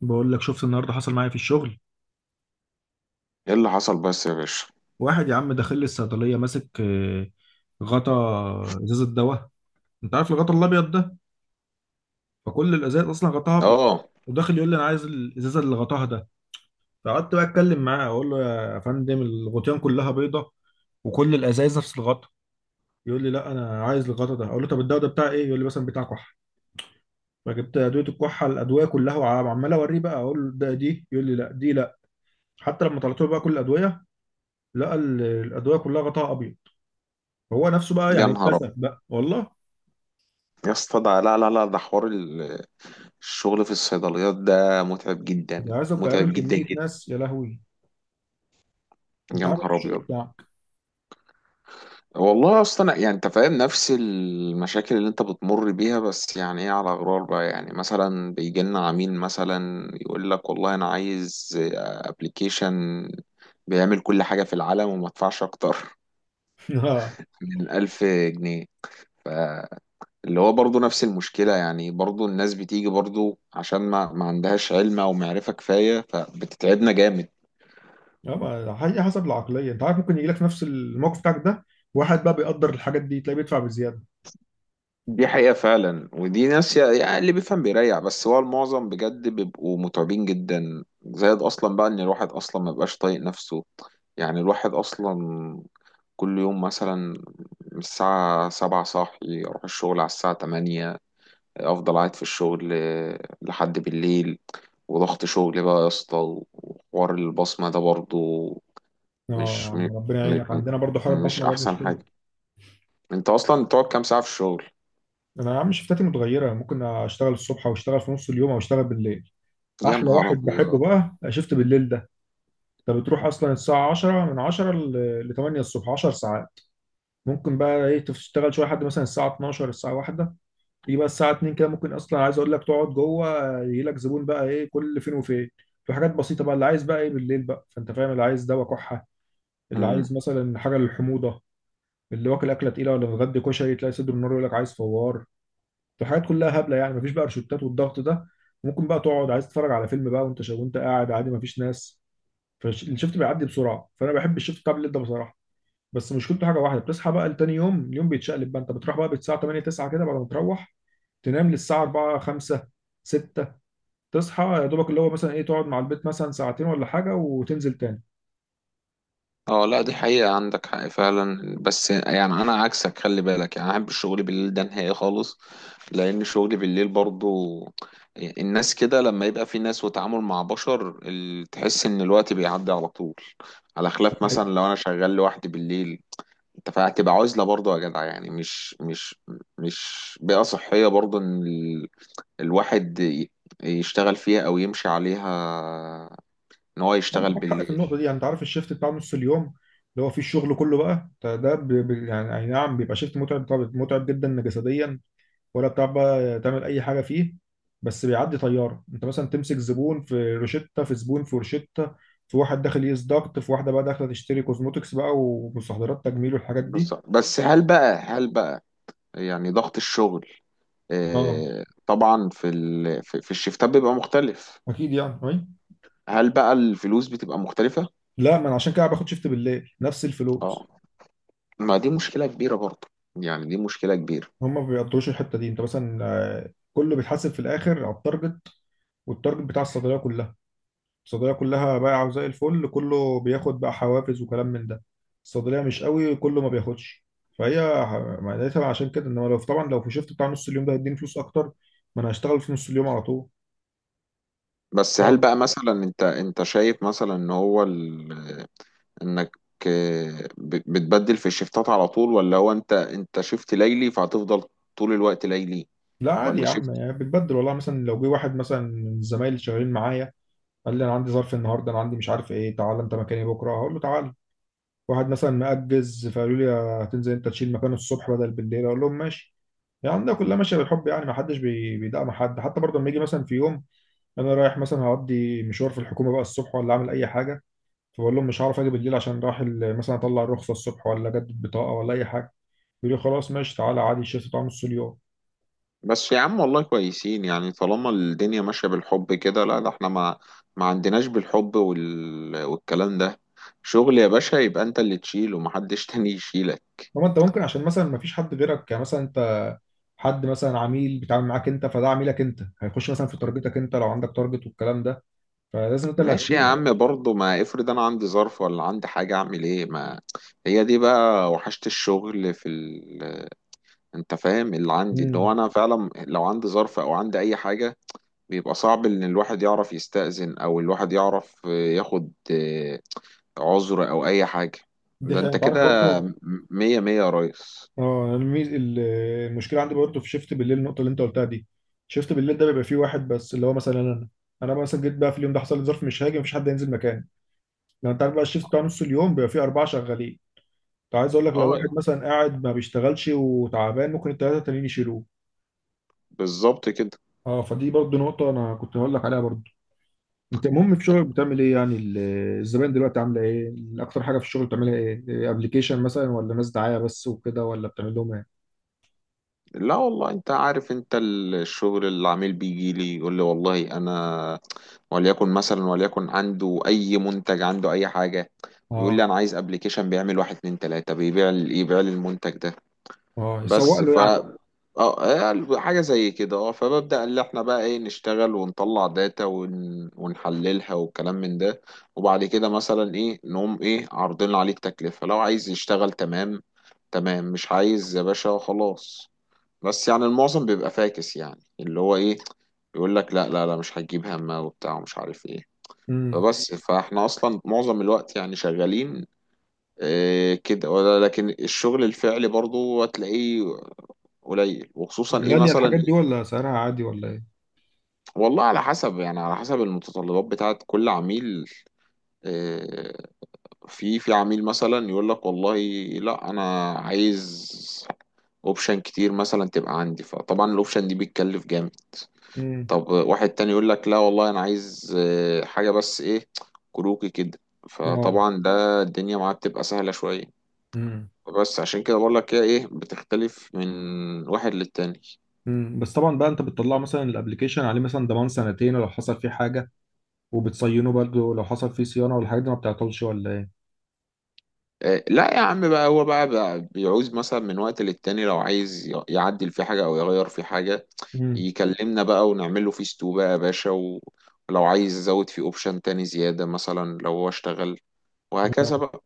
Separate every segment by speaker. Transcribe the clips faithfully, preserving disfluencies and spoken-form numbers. Speaker 1: بقول لك شفت النهارده حصل معايا في الشغل.
Speaker 2: ايه اللي حصل بس يا باشا؟
Speaker 1: واحد يا عم داخل لي الصيدليه ماسك آه، غطا ازازه دواء. انت عارف الغطا الابيض ده، فكل الازاز اصلا غطاها ابيض.
Speaker 2: اه.
Speaker 1: وداخل يقول لي انا عايز الازازه اللي غطاها ده. فقعدت بقى اتكلم معاه اقول له يا فندم الغطيان كلها بيضه وكل الازايز نفس الغطا. يقول لي لا انا عايز الغطا ده. اقول له طب الدواء ده بتاع ايه؟ يقول لي مثلا بتاع كحه. فجبت ادويه الكحه الادويه كلها وعمال اوريه بقى اقول له ده دي، يقول لي لا دي لا. حتى لما طلعت له بقى كل الادويه لقى ال- الادويه كلها غطاها ابيض. هو نفسه بقى
Speaker 2: يا
Speaker 1: يعني
Speaker 2: نهار ابيض.
Speaker 1: اتكسف بقى والله.
Speaker 2: يا اسطى، ده لا لا لا، ده حوار ال- الشغل في الصيدليات ده متعب جدا
Speaker 1: ده عايزك بقابل
Speaker 2: متعب جدا
Speaker 1: كمية
Speaker 2: جدا.
Speaker 1: ناس يا لهوي. انت
Speaker 2: يا
Speaker 1: عارف إيه
Speaker 2: نهار ابيض.
Speaker 1: الشغل بتاعك.
Speaker 2: والله اصلا، يعني انت فاهم نفس المشاكل اللي انت بتمر بيها. بس يعني ايه، على غرار بقى، يعني مثلا بيجي لنا عميل مثلا يقول لك والله انا عايز ابلكيشن بيعمل كل حاجة في العالم، وما ادفعش اكتر
Speaker 1: اه.
Speaker 2: من ألف جنيه. اللي هو برضو نفس المشكلة، يعني برضو الناس بتيجي برضو عشان ما, ما عندهاش علم أو معرفة كفاية، فبتتعبنا جامد.
Speaker 1: ما هي حسب العقلية، انت عارف ممكن يجي لك في نفس الموقف بتاعك ده واحد بقى بيقدر الحاجات دي تلاقيه بيدفع بزيادة.
Speaker 2: دي حقيقة فعلا، ودي ناس يا- يعني اللي بيفهم بيريح، بس هو المعظم بجد بيبقوا متعبين جدا، زائد أصلا بقى إن الواحد أصلا ما بيبقاش طايق نفسه. يعني الواحد أصلا كل يوم مثلا من الساعة سبعة صاحي، أروح الشغل على الساعة تمانية، افضل قاعد في الشغل لحد بالليل. وضغط شغل بقى يا اسطى، وحوار البصمة ده برضو
Speaker 1: اه يا
Speaker 2: مش م...
Speaker 1: عم ربنا
Speaker 2: م...
Speaker 1: يعينك،
Speaker 2: م-
Speaker 1: عندنا برضه حوار
Speaker 2: مش
Speaker 1: البصمة ده
Speaker 2: احسن
Speaker 1: مشكلة.
Speaker 2: حاجة. انت اصلا بتقعد كام ساعة في الشغل؟
Speaker 1: انا يا عم شفتاتي متغيرة، ممكن اشتغل الصبح او اشتغل في نص اليوم او اشتغل بالليل.
Speaker 2: يا
Speaker 1: احلى
Speaker 2: نهار
Speaker 1: واحد بحبه
Speaker 2: ابيض.
Speaker 1: بقى شفت بالليل ده. انت بتروح اصلا الساعة عشرة، من عشرة ل تمانية الصبح، عشر ساعات. ممكن بقى ايه تشتغل شوية لحد مثلا الساعة اتناشر الساعة واحدة، تيجي بقى الساعه اتنين كده ممكن اصلا عايز اقول لك تقعد جوه يجي لك زبون بقى ايه كل فين وفين. في حاجات بسيطه بقى اللي عايز بقى ايه بالليل بقى، فانت فاهم اللي عايز دواء كحه، اللي عايز مثلا حاجه للحموضه، اللي واكل اكله تقيله ولا متغدي كشري تلاقي صدر النار يقول لك عايز فوار. الحاجات كلها هبله يعني مفيش بقى روشتات، والضغط ده ممكن بقى تقعد عايز تتفرج على فيلم بقى وانت شا... وانت قاعد عادي مفيش ناس. فالشفت بيعدي بسرعه، فانا بحب الشفت بتاع الليل ده بصراحه. بس مشكلته حاجه واحده، بتصحى بقى لتاني يوم اليوم بيتشقلب بقى. انت بتروح بقى الساعه تمانية تسعة كده، بعد ما تروح تنام للساعة أربعة خمسة ستة، تصحى يا دوبك اللي هو مثلا ايه تقعد مع البيت مثلا ساعتين ولا حاجة وتنزل تاني.
Speaker 2: اه، لا، دي حقيقة، عندك حق فعلا. بس يعني أنا عكسك، خلي بالك، يعني أنا أحب الشغل بالليل ده نهائي خالص، لأن شغلي بالليل برضو الناس كده، لما يبقى في ناس وتعامل مع بشر ال- تحس إن الوقت بيعدي على طول، على خلاف
Speaker 1: حقيقي.
Speaker 2: مثلا لو أنا شغال لوحدي بالليل. أنت فهتبقى عزلة برضو يا جدع، يعني مش مش مش بيئة صحية برضو إن ال- الواحد ي- يشتغل فيها أو يمشي عليها، إن هو
Speaker 1: انت
Speaker 2: يشتغل
Speaker 1: معاك حق في
Speaker 2: بالليل.
Speaker 1: النقطة دي، يعني انت عارف الشيفت بتاع نص اليوم اللي هو فيه الشغل كله بقى ده ده ب- ب- يعني أي نعم بيبقى شيفت متعب، طبعا متعب جدا جسديا ولا بتعرف بقى تعمل اي حاجة فيه. بس بيعدي طيارة، انت مثلا تمسك زبون في روشتة، في زبون في روشتة، في واحد داخل يقيس ضغط، في واحده بقى داخله تشتري كوزموتكس بقى ومستحضرات تجميل والحاجات دي.
Speaker 2: بالظبط. بس هل بقى هل بقى يعني ضغط الشغل،
Speaker 1: اه
Speaker 2: آه، طبعا في ال... في في الشفتات بيبقى مختلف.
Speaker 1: اكيد يعني أي؟
Speaker 2: هل بقى الفلوس بتبقى مختلفة؟
Speaker 1: لا ما انا عشان كده باخد شيفت بالليل نفس
Speaker 2: اه.
Speaker 1: الفلوس.
Speaker 2: ما دي مشكلة كبيرة برضه، يعني دي مشكلة كبيرة.
Speaker 1: هم ما بيقدروش الحته دي، انت مثلا آه، كله بيتحاسب في الاخر على التارجت، والتارجت بتاع الصيدليه كلها. الصيدليه كلها بايعه زي الفل كله بياخد بقى حوافز وكلام من ده، الصيدليه مش قوي كله ما بياخدش. فهي ه- معناتها عشان كده، انما لو طبعا لو في شيفت بتاع نص اليوم ده هيديني فلوس اكتر، ما انا هشتغل في نص اليوم على طول.
Speaker 2: بس هل بقى مثلا انت انت شايف مثلا ان هو ال... انك آه، ب- بتبدل في الشفتات على طول، ولا هو انت انت شفت ليلي فهتفضل طول الوقت ليلي
Speaker 1: لا عادي
Speaker 2: ولا؟
Speaker 1: يا عم، يعني بتبدل والله. مثلا لو جه واحد مثلا من الزمايل اللي شغالين معايا قال لي انا عندي ظرف النهارده انا عندي مش عارف ايه، تعالى انت مكاني بكره، هقول له تعالى. واحد مثلا مأجز فقالوا لي هتنزل انت تشيل مكانه الصبح بدل بالليل، اقول لهم ماشي. يعني ده كلها ماشيه بالحب، يعني ما حدش بي- بيدعم حد. حتى برضه لما يجي مثلا في يوم انا رايح مثلا هقضي مشوار في الحكومه بقى الصبح، ولا اعمل اي حاجه، فبقول لهم مش هعرف اجي بالليل عشان رايح ال- مثلا اطلع الرخصه الصبح ولا اجدد بطاقه ولا اي حاجه، يقول لي خلاص ماشي تعالى عادي شيل طعم نص اليوم.
Speaker 2: بس يا عم والله كويسين، يعني طالما الدنيا ماشية بالحب كده. لا ده احنا ما ما عندناش بالحب وال... والكلام ده. شغل يا باشا، يبقى انت اللي تشيله ومحدش تاني يشيلك.
Speaker 1: طب انت ممكن عشان مثلا ما فيش حد غيرك، يعني مثلا انت حد مثلا عميل بيتعامل معاك انت فده عميلك انت، هيخش مثلا في تارجتك انت لو عندك تارجت والكلام ده، فلازم انت اللي
Speaker 2: ماشي يا
Speaker 1: هتشيله.
Speaker 2: عم برضه، ما افرض انا عندي ظرف ولا عندي حاجة اعمل ايه، ما هي دي بقى وحشة الشغل في ال... انت فاهم اللي عندي، اللي هو انا فعلا لو عندي ظرف او عندي اي حاجة، بيبقى صعب ان الواحد يعرف يستأذن او الواحد يعرف ياخد عذر او اي حاجه.
Speaker 1: دي
Speaker 2: ده
Speaker 1: حقيقة.
Speaker 2: انت
Speaker 1: انت
Speaker 2: كده
Speaker 1: عارف برضه.
Speaker 2: مية مية يا ريس.
Speaker 1: اه أنا الميز... ال- المشكله عندي برضه في شيفت بالليل، النقطه اللي انت قلتها دي. شيفت بالليل ده بيبقى فيه واحد بس، اللي هو مثلا انا، انا مثلا جيت بقى في اليوم ده حصل لي ظرف مش هاجي، مفيش حد ينزل مكاني. لو انت عارف بقى الشيفت بتاع نص اليوم بيبقى فيه اربعه شغالين، انت عايز اقول لك لو واحد
Speaker 2: اه
Speaker 1: مثلا قاعد ما بيشتغلش وتعبان ممكن الثلاثه التانيين يشيلوه.
Speaker 2: بالظبط كده.
Speaker 1: اه فدي برضه نقطه انا كنت هقول لك عليها برضه. انت المهم في شغلك بتعمل ايه يعني ال- الزباين دلوقتي عامله ايه؟ اكتر حاجه في الشغل بتعملها ايه؟ ابلكيشن مثلا، ولا ناس دعايه بس وكده، ولا بتعمل لهم ايه؟
Speaker 2: لا والله، انت عارف، انت الشغل العميل بيجي لي يقول لي والله انا، وليكن مثلا، وليكن عنده اي منتج، عنده اي حاجه، بيقول لي
Speaker 1: اه.
Speaker 2: انا عايز ابلكيشن بيعمل واحد اتنين تلاته، بيبيع ال- يبيع لي المنتج ده.
Speaker 1: اه يسوق
Speaker 2: بس
Speaker 1: له
Speaker 2: ف
Speaker 1: يعني.
Speaker 2: اه آه، حاجة زي كده، اه فببدأ اللي احنا بقى ايه نشتغل ونطلع داتا ون... ونحللها والكلام من ده. وبعد كده مثلا ايه نقوم ايه عارضين عليه التكلفة، لو عايز يشتغل تمام تمام، مش عايز يا باشا خلاص. بس يعني المعظم بيبقى فاكس، يعني اللي هو ايه، يقول لك لا لا لا، مش هتجيب همه وبتاع ومش عارف ايه.
Speaker 1: امم
Speaker 2: فبس فاحنا اصلا معظم الوقت يعني شغالين إيه كده ولا، لكن الشغل الفعلي برضو هتلاقيه قليل، وخصوصا ايه
Speaker 1: غالية
Speaker 2: مثلا
Speaker 1: الحاجات دي
Speaker 2: ايه.
Speaker 1: ولا سعرها عادي ولا ايه؟
Speaker 2: والله على حسب، يعني على حسب المتطلبات بتاعت كل عميل. آه، في في عميل مثلا يقول لك والله، لا انا عايز اوبشن كتير مثلا تبقى عندي، فطبعا الاوبشن دي بتكلف جامد.
Speaker 1: امم
Speaker 2: طب واحد تاني يقول لك لا والله، انا عايز آه، حاجة بس ايه، كروكي كده.
Speaker 1: اه.
Speaker 2: فطبعا ده الدنيا معاه بتبقى سهلة شوية.
Speaker 1: امم
Speaker 2: بس عشان كده بقول لك هي ايه، بتختلف من واحد للتاني.
Speaker 1: امم بس طبعا بقى انت بتطلع مثلا الابليكيشن عليه مثلا ضمان سنتين لو حصل فيه حاجة، وبتصينه برضه لو حصل فيه صيانة والحاجات دي ما بتعطلش ولا ايه؟
Speaker 2: آه، لا يا عم، بقى هو بقى, بقى بيعوز مثلا من وقت للتاني، لو عايز ي- يعدل في حاجة أو يغير في حاجة
Speaker 1: امم
Speaker 2: يكلمنا بقى ونعمل له فيستو بقى يا باشا، و- ولو عايز يزود في اوبشن تاني زيادة مثلا لو هو اشتغل
Speaker 1: اه.
Speaker 2: وهكذا بقى.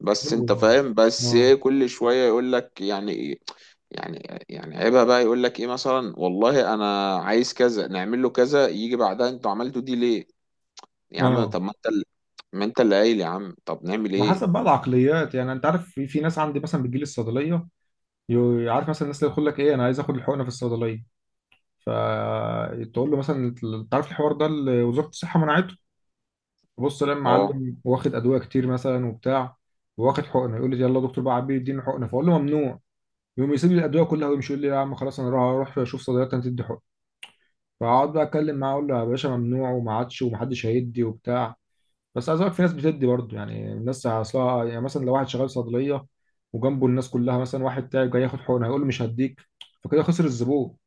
Speaker 2: بس
Speaker 1: حلو
Speaker 2: انت
Speaker 1: ده.
Speaker 2: فاهم، بس
Speaker 1: اه.
Speaker 2: إيه كل شوية يقول لك يعني إيه، يعني يعني عيبها بقى، يقول لك ايه مثلا والله انا عايز كذا، نعمل له كذا يجي بعدها انتوا عملتوا دي ليه. يا عم
Speaker 1: اه.
Speaker 2: طب ما انت اللي، ما انت اللي قايل يا عم طب نعمل
Speaker 1: ما حسب
Speaker 2: ايه.
Speaker 1: بقى العقليات، يعني انت عارف في في ناس عندي مثلا بتجيلي الصيدليه يو- عارف مثلا الناس اللي يقول لك ايه انا عايز اخد الحقنه في الصيدليه، فتقول له مثلا انت عارف الحوار ده اللي وزاره الصحه منعته. بص لما
Speaker 2: اه،
Speaker 1: معلم واخد ادويه كتير مثلا وبتاع، واخد حقنه، يقول لي يلا يا دكتور بقى عبيه اديني حقنه، فاقول له ممنوع، يقوم يسيب لي الادويه كلها ويمشي يقول لي يا عم خلاص انا راح اروح اشوف صيدليه تدي حقنه، فاقعد بقى اتكلم معاه اقول له يا باشا ممنوع وما عادش ومحدش هيدي وبتاع. بس عايز اقول لك في ناس بتدي برضه، يعني الناس اصلها يعني مثلا لو واحد شغال صيدليه وجنبه الناس كلها مثلا واحد تعب جاي ياخد حقنه هيقول له مش هديك، فكده خسر الزبون.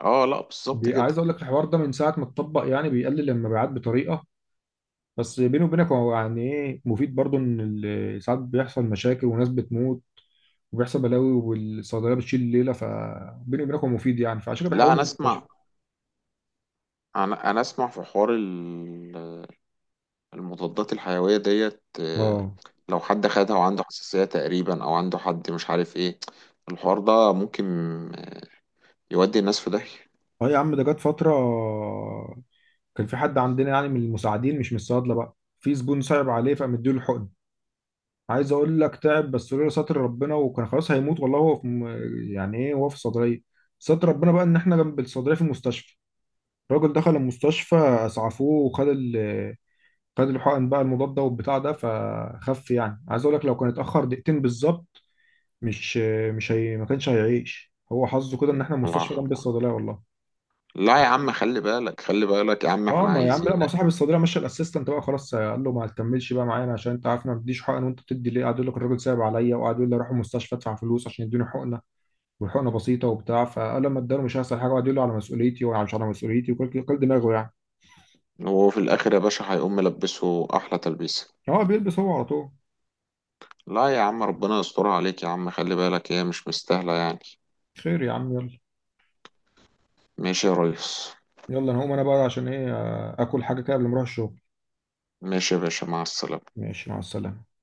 Speaker 2: اه، لا بالظبط
Speaker 1: بي-
Speaker 2: كده.
Speaker 1: عايز اقول لك الحوار ده من ساعه ما اتطبق يعني بيقلل المبيعات بطريقه. بس بيني وبينك هو يعني ايه مفيد برضو، ان ال- ساعات بيحصل مشاكل وناس بتموت وبيحصل بلاوي والصيدليه بتشيل الليله، فبيني وبينك هو مفيد يعني، فعشان كده
Speaker 2: لا
Speaker 1: بيحولوا
Speaker 2: انا
Speaker 1: المستشفى.
Speaker 2: اسمع، انا انا اسمع في حوار ال- المضادات الحيويه ديت، آه،
Speaker 1: اه.
Speaker 2: لو حد خدها وعنده حساسيه تقريبا او عنده حد مش عارف ايه، الحوار ده ممكن يودي الناس في داهيه.
Speaker 1: اه يا عم ده جت فتره كان في حد عندنا يعني من المساعدين مش من الصيادله بقى، في زبون صعب عليه فقام مديله الحقن. عايز اقول لك تعب، بس لولا ستر ربنا وكان خلاص هيموت والله. هو في م- يعني ايه هو في الصيدليه، ستر ربنا بقى ان احنا جنب الصيدليه في المستشفى. الراجل دخل المستشفى اسعفوه وخد، خد الحقن بقى المضاد ده والبتاع ده فخف. يعني عايز اقول لك لو كان اتاخر دقيقتين بالظبط مش، مش هي ما كانش هيعيش. هو حظه كده ان احنا المستشفى
Speaker 2: الله
Speaker 1: جنب
Speaker 2: الله.
Speaker 1: الصيدليه والله.
Speaker 2: لا يا عم خلي بالك، خلي بالك يا عم،
Speaker 1: اه.
Speaker 2: احنا
Speaker 1: ما يا عم لا، ما
Speaker 2: عايزينك.
Speaker 1: صاحب الصيدليه مشى الاسيستنت بقى خلاص قال له ما تكملش بقى معانا عشان انت عارف أنا ما بديش حقن وانت بتدي ليه. قعد يقول لك الراجل صعب عليا، وقعد يقول لي اروح المستشفى ادفع فلوس عشان يدوني حقنه، والحقنه بسيطه وبتاع، فقال لما اداله مش هيحصل حاجه، وقعد يقول له على مسؤوليتي ومش على مسؤوليتي وكل كل دماغه يعني.
Speaker 2: هو في الاخر يا باشا هيقوم ملبسه احلى تلبيسه.
Speaker 1: هو بيلبس هو على طول.
Speaker 2: لا يا عم، ربنا يسترها عليك يا عم، خلي بالك، هي مش مستاهله يعني.
Speaker 1: خير يا عم يلا.
Speaker 2: ماشي يا ريس.
Speaker 1: يلا انا هقوم انا بقى عشان ايه آه، اكل حاجه كده قبل ما اروح الشغل.
Speaker 2: ماشي يا باشا، مع السلامه.
Speaker 1: ماشي مع السلامة.